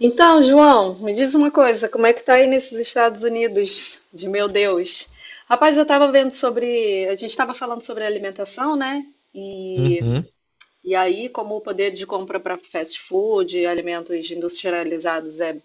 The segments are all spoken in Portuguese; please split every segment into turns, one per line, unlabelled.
Então, João, me diz uma coisa, como é que tá aí nesses Estados Unidos? De meu Deus. Rapaz, eu tava vendo sobre, a gente tava falando sobre alimentação, né? E,
Uhum,
e aí, como o poder de compra para fast food, alimentos industrializados é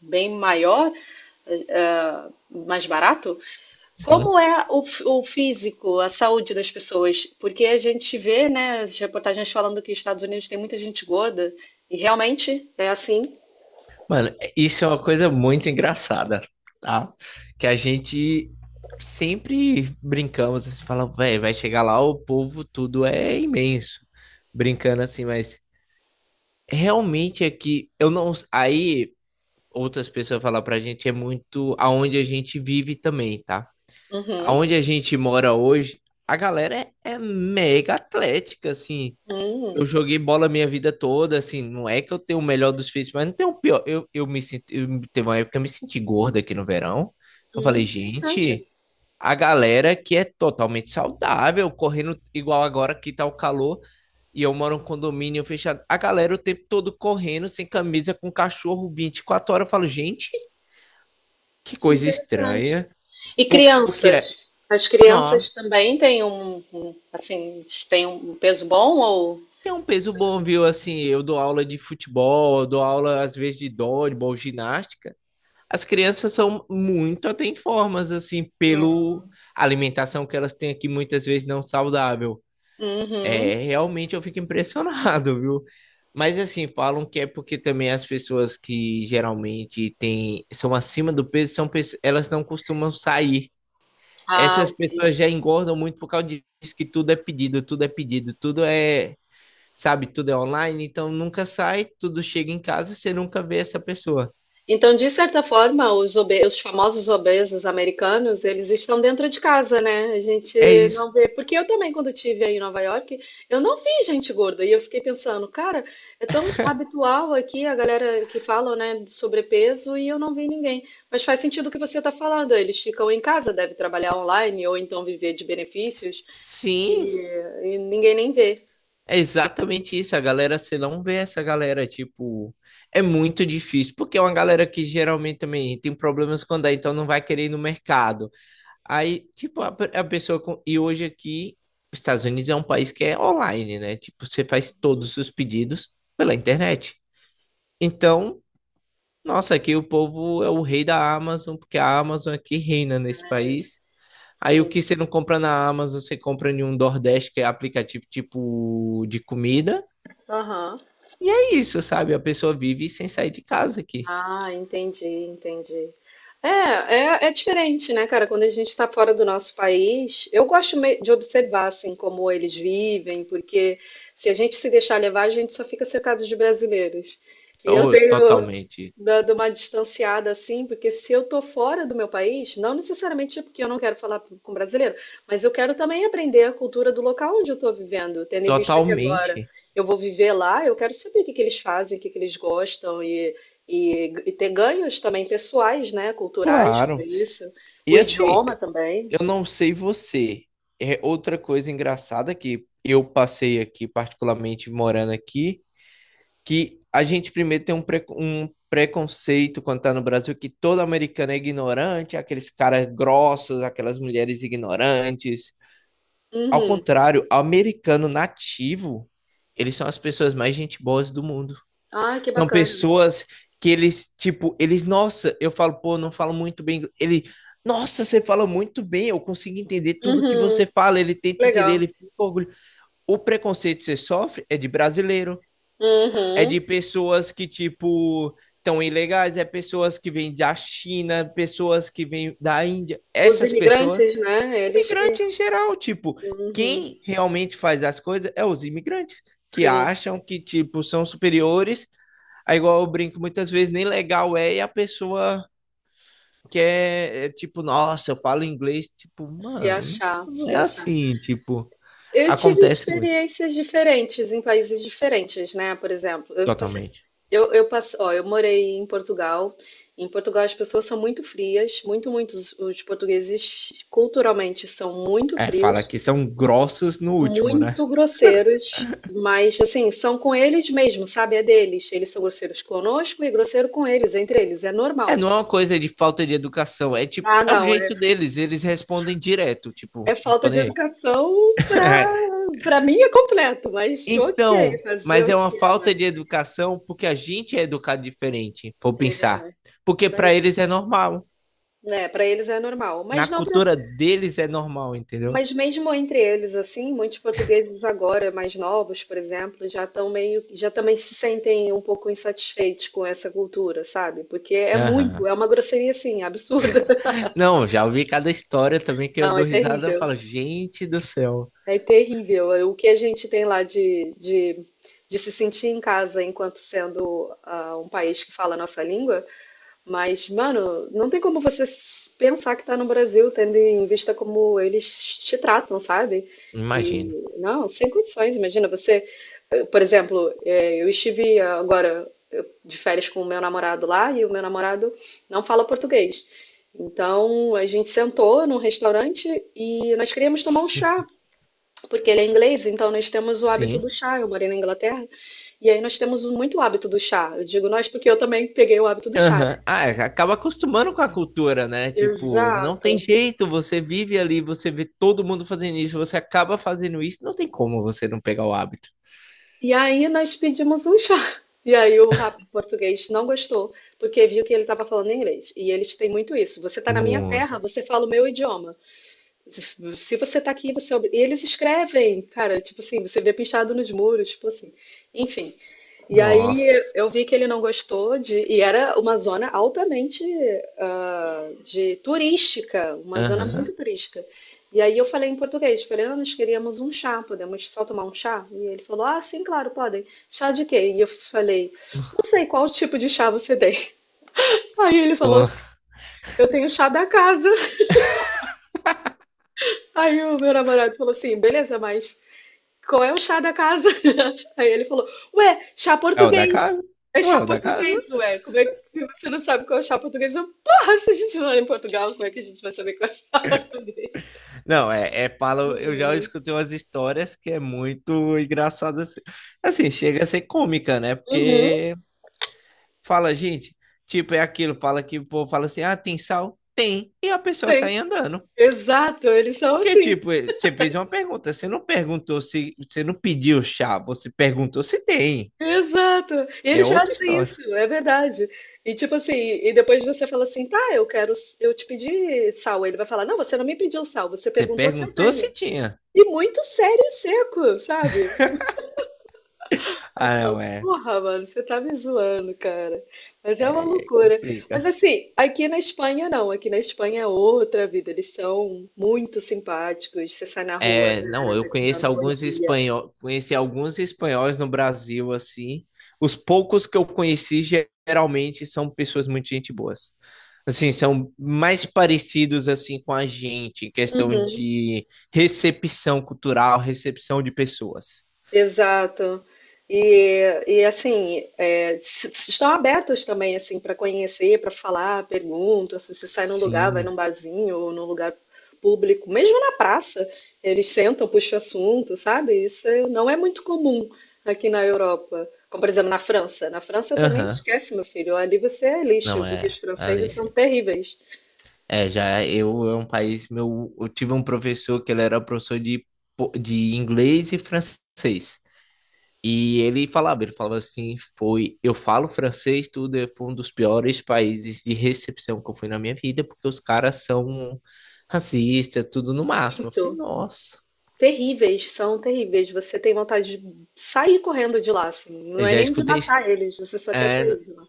bem maior, eh, eh, mais barato,
sim.
como é o, o físico, a saúde das pessoas? Porque a gente vê, né, as reportagens falando que os Estados Unidos tem muita gente gorda, e realmente é assim.
Mano, é, isso é uma coisa muito engraçada, tá? Que a gente sempre brincamos, assim, fala, velho, vai chegar lá, o povo tudo é imenso. Brincando assim, mas realmente é que eu não. Aí outras pessoas falam pra gente, é muito aonde a gente vive também, tá?
Uhum.
Aonde a gente mora hoje, a galera é, é mega atlética, assim. Eu
Hum.
joguei bola minha vida toda, assim, não é que eu tenho o melhor dos físicos, mas não tenho o pior. Eu me senti, eu, teve uma época que eu me senti gorda aqui no verão. Eu
É
falei, gente,
interessante,
a galera que é totalmente saudável, correndo igual agora que tá o calor, e eu moro em um condomínio fechado. A galera o tempo todo correndo, sem camisa, com cachorro 24 horas. Eu falo, gente, que
que
coisa
interessante.
estranha.
E
Por- Porque, é-
crianças? As crianças
Nossa,
também têm assim, têm um peso bom ou?
tem um peso bom, viu? Assim, eu dou aula de futebol, eu dou aula às vezes de dodgeball, ginástica. As crianças são muito atenformas, assim, pelo alimentação que elas têm aqui, muitas vezes não saudável.
Uhum.
É, realmente eu fico impressionado, viu? Mas assim, falam que é porque também as pessoas que geralmente têm, são acima do peso, são, elas não costumam sair.
Ah,
Essas pessoas já engordam muito por causa disso que tudo é pedido, tudo é pedido, tudo é, sabe, tudo é online, então nunca sai, tudo chega em casa, você nunca vê essa pessoa.
então, de certa forma, os, os famosos obesos americanos, eles estão dentro de casa, né? A gente
É isso.
não vê. Porque eu também, quando tive aí em Nova York, eu não vi gente gorda. E eu fiquei pensando, cara, é tão habitual aqui a galera que fala, né, de sobrepeso e eu não vi ninguém. Mas faz sentido o que você está falando. Eles ficam em casa, devem trabalhar online ou então viver de benefícios
Sim.
e, e ninguém nem vê.
É exatamente isso, a galera, você não vê essa galera, tipo, é muito difícil, porque é uma galera que geralmente também tem problemas quando é, então não vai querer ir no mercado. Aí, tipo, a pessoa, com, e hoje aqui, os Estados Unidos é um país que é online, né? Tipo, você faz todos os pedidos pela internet. Então, nossa, aqui o povo é o rei da Amazon, porque a Amazon aqui reina nesse
É,
país. Aí o
sim.
que você não compra na Amazon, você compra em um Nordeste, que é aplicativo tipo de comida.
Aham.
E é isso, sabe? A pessoa vive sem sair de casa aqui.
Ah, entendi, entendi. É, é, é diferente, né, cara? Quando a gente está fora do nosso país, eu gosto de observar, assim, como eles vivem, porque se a gente se deixar levar, a gente só fica cercado de brasileiros. E eu
Ou
tenho
totalmente.
dado uma distanciada, assim, porque se eu tô fora do meu país, não necessariamente é porque eu não quero falar com brasileiro, mas eu quero também aprender a cultura do local onde eu estou vivendo, tendo em vista que agora
Totalmente.
eu vou viver lá, eu quero saber o que que eles fazem, o que que eles gostam e ter ganhos também pessoais, né? Culturais com
Claro.
isso.
E
O
assim,
idioma também.
eu não sei você. É outra coisa engraçada que eu passei aqui, particularmente morando aqui, que a gente primeiro tem um, um preconceito quando tá no Brasil que todo americano é ignorante, aqueles caras grossos, aquelas mulheres ignorantes. Ao
Uhum.
contrário, americano nativo, eles são as pessoas mais gente boas do mundo.
Ai, que
São
bacana.
pessoas que eles, tipo, eles, nossa, eu falo, pô, não falo muito bem. Ele, nossa, você fala muito bem, eu consigo entender tudo que
Uhum.
você fala. Ele tenta entender,
Legal.
ele fica orgulhoso. O preconceito que você sofre é de brasileiro, é
Uhum.
de pessoas que, tipo, estão ilegais, é pessoas que vêm da China, pessoas que vêm da Índia.
Os
Essas pessoas,
imigrantes, né? Eles que.
imigrantes em geral, tipo,
Uhum.
quem realmente faz as coisas é os imigrantes, que
Sim.
acham que, tipo, são superiores. Aí, igual eu brinco, muitas vezes nem legal é e a pessoa quer, é, tipo, nossa, eu falo inglês, tipo,
Se
mano,
achar,
não, não
se
é
achar.
assim, tipo,
Eu tive
acontece muito,
experiências diferentes em países diferentes, né? Por exemplo, eu passei,
totalmente.
eu, eu passei, ó, eu morei em Portugal. Em Portugal as pessoas são muito frias, muito, muito. Os portugueses culturalmente são muito
É,
frios.
fala que são grossos no último, né?
Muito grosseiros, mas assim, são com eles mesmo, sabe? É deles. Eles são grosseiros conosco e grosseiro com eles, entre eles, é
É,
normal.
não é uma coisa de falta de educação, é tipo,
Ah,
é o
não, é,
jeito deles, eles respondem direto, tipo,
é
não
falta
tô
de
nem aí.
educação pra,
É,
pra mim é completo, mas ok,
então,
fazer
mas
o
é uma
quê? Mas,
falta de educação porque a gente é educado diferente, vou
é,
pensar. Porque pra
mas
eles é normal,
né, pra eles é normal.
na
Mas não pra,
cultura deles é normal, entendeu?
mas mesmo entre eles, assim, muitos portugueses agora, mais novos, por exemplo, já estão meio, já também se sentem um pouco insatisfeitos com essa cultura, sabe? Porque é muito,
Aham.
é uma grosseria, assim, absurda.
Não, já ouvi cada história também que eu
Não, é
dou risada e
terrível.
falo, gente do céu.
É terrível. O que a gente tem lá de se sentir em casa enquanto sendo um país que fala a nossa língua, mas, mano, não tem como você pensar que tá no Brasil, tendo em vista como eles te tratam, sabe?
Imagino.
E, não, sem condições. Imagina você, por exemplo, eu estive agora de férias com o meu namorado lá e o meu namorado não fala português. Então a gente sentou num restaurante e nós queríamos tomar um chá, porque ele é inglês, então nós temos o hábito do
Sim.
chá. Eu morei na Inglaterra e aí nós temos muito hábito do chá. Eu digo nós porque eu também peguei o hábito do chá.
Aham. Ah, é, acaba acostumando com a cultura, né? Tipo, não
Exato.
tem jeito, você vive ali, você vê todo mundo fazendo isso, você acaba fazendo isso, não tem como você não pegar o hábito.
E aí nós pedimos um chá. E aí o rapaz português não gostou, porque viu que ele estava falando inglês. E eles têm muito isso. Você está na minha
Muito.
terra, você fala o meu idioma. Se se você está aqui, você. É e eles escrevem, cara, tipo assim, você vê pichado nos muros, tipo assim. Enfim. E aí
Nossa.
eu vi que ele não gostou de. E era uma zona altamente de turística, uma zona muito,
Aham.
uhum, turística. E aí eu falei em português, falei: "Ah, nós queríamos um chá, podemos só tomar um chá?" E ele falou: "Ah, sim, claro, podem. Chá de quê?" E eu falei: "Não sei qual tipo de chá você tem." Aí ele falou
Pô,
assim: "Eu tenho chá da casa." Aí o meu namorado falou assim: "Beleza, mas qual é o chá da casa?" Aí ele falou: "Ué, chá
é o da
português."
casa?
É
Não é
chá
o da casa?
português, ué. Como é que você não sabe qual é o chá português? Eu, porra, se a gente não mora em Portugal, como é que a gente vai saber qual é o chá português?
Não, é, é palo. Eu já escutei umas histórias que é muito engraçada. Assim, assim, chega a ser cômica, né?
Uhum.
Porque fala, gente, tipo, é aquilo, fala que o povo fala assim: ah, tem sal? Tem. E a pessoa sai
Sim,
andando.
exato, eles são
Porque,
assim.
tipo, eh, você fez uma pergunta, você não perguntou se. Você não pediu chá, você perguntou se tem.
Exato. E
É
eles
outra
fazem isso,
história.
é verdade. E tipo assim, e depois você fala assim: "Tá, eu quero, eu te pedi sal." Ele vai falar: "Não, você não me pediu sal, você
Você
perguntou se eu
perguntou
tenho."
se tinha.
E muito sério e seco, sabe? Aí
Ah,
tu
não,
fala:
é.
"Porra, mano, você tá me zoando, cara." Mas é uma
É, é
loucura. Mas
complica.
assim, aqui na Espanha não. Aqui na Espanha é outra vida. Eles são muito simpáticos. Você sai na rua, a
É, não,
galera
eu
tá te
conheço
dando bom
alguns
dia.
espanhóis, conheci alguns espanhóis no Brasil, assim. Os poucos que eu conheci geralmente são pessoas muito gente boas. Assim, são mais parecidos assim com a gente em questão de recepção cultural, recepção de pessoas.
Exato. E assim, é, estão abertos também assim para conhecer, para falar, pergunta, assim, se sai num lugar, vai num
Sim.
barzinho ou num lugar público, mesmo na praça, eles sentam, puxam assunto, sabe? Não é muito comum aqui na Europa. Como, por exemplo, na França. Na França também
Aham.
esquece, meu filho. Ali você é lixo,
Não
porque os
é,
franceses são
Alice.
terríveis.
É, já eu é um país meu, eu tive um professor que ele era professor de de inglês e francês. E ele falava assim, foi, eu falo francês, tudo é foi um dos piores países de recepção que eu fui na minha vida, porque os caras são racistas, tudo no máximo. Eu falei,
Muito.
nossa,
Terríveis, são terríveis. Você tem vontade de sair correndo de lá, assim. Não
eu
é
já
nem de
escutei,
matar eles, você só quer
é,
sair de lá.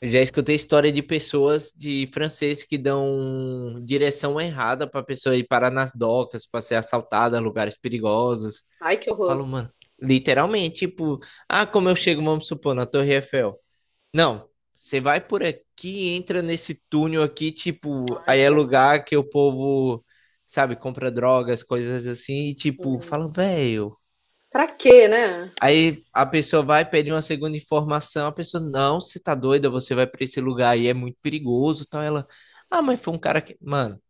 eu já escutei história de pessoas de francês que dão direção errada para pessoa ir parar nas docas, para ser assaltada, lugares perigosos.
Ai, que horror.
Falo, mano, literalmente, tipo, ah, como eu chego, vamos supor, na Torre Eiffel. Não, você vai por aqui, entra nesse túnel aqui, tipo,
Ai,
aí é
credo.
lugar que o povo, sabe, compra drogas, coisas assim, e tipo, fala, velho.
Pra quê, né?
Aí a pessoa vai pedir uma segunda informação, a pessoa, não, você tá doida, você vai pra esse lugar aí, é muito perigoso, tal. Ela, ah, mas foi um cara que, mano,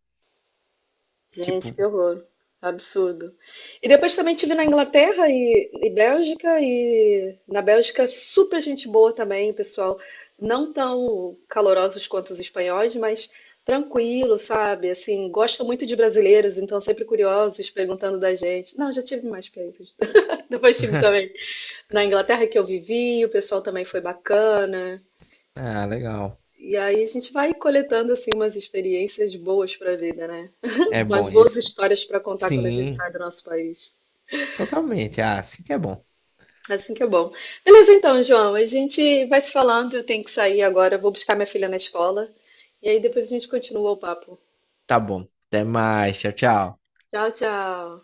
Gente,
tipo,
que horror. Absurdo. E depois também tive na Inglaterra e Bélgica, e na Bélgica super gente boa também, pessoal. Não tão calorosos quanto os espanhóis, mas tranquilo, sabe? Assim, gosto muito de brasileiros, então sempre curiosos, perguntando da gente. Não, já tive mais países. Depois tive também na Inglaterra que eu vivi, o pessoal também foi bacana.
ah, legal.
E aí a gente vai coletando assim umas experiências boas para a vida, né?
É
Umas
bom
boas
isso.
histórias para contar quando a gente
Sim,
sai do nosso país.
totalmente. Ah, sim que é bom.
Assim que é bom. Beleza, então, João, a gente vai se falando. Eu tenho que sair agora, eu vou buscar minha filha na escola. E aí depois a gente continua o papo.
Tá bom. Até mais, tchau, tchau.
Tchau, tchau.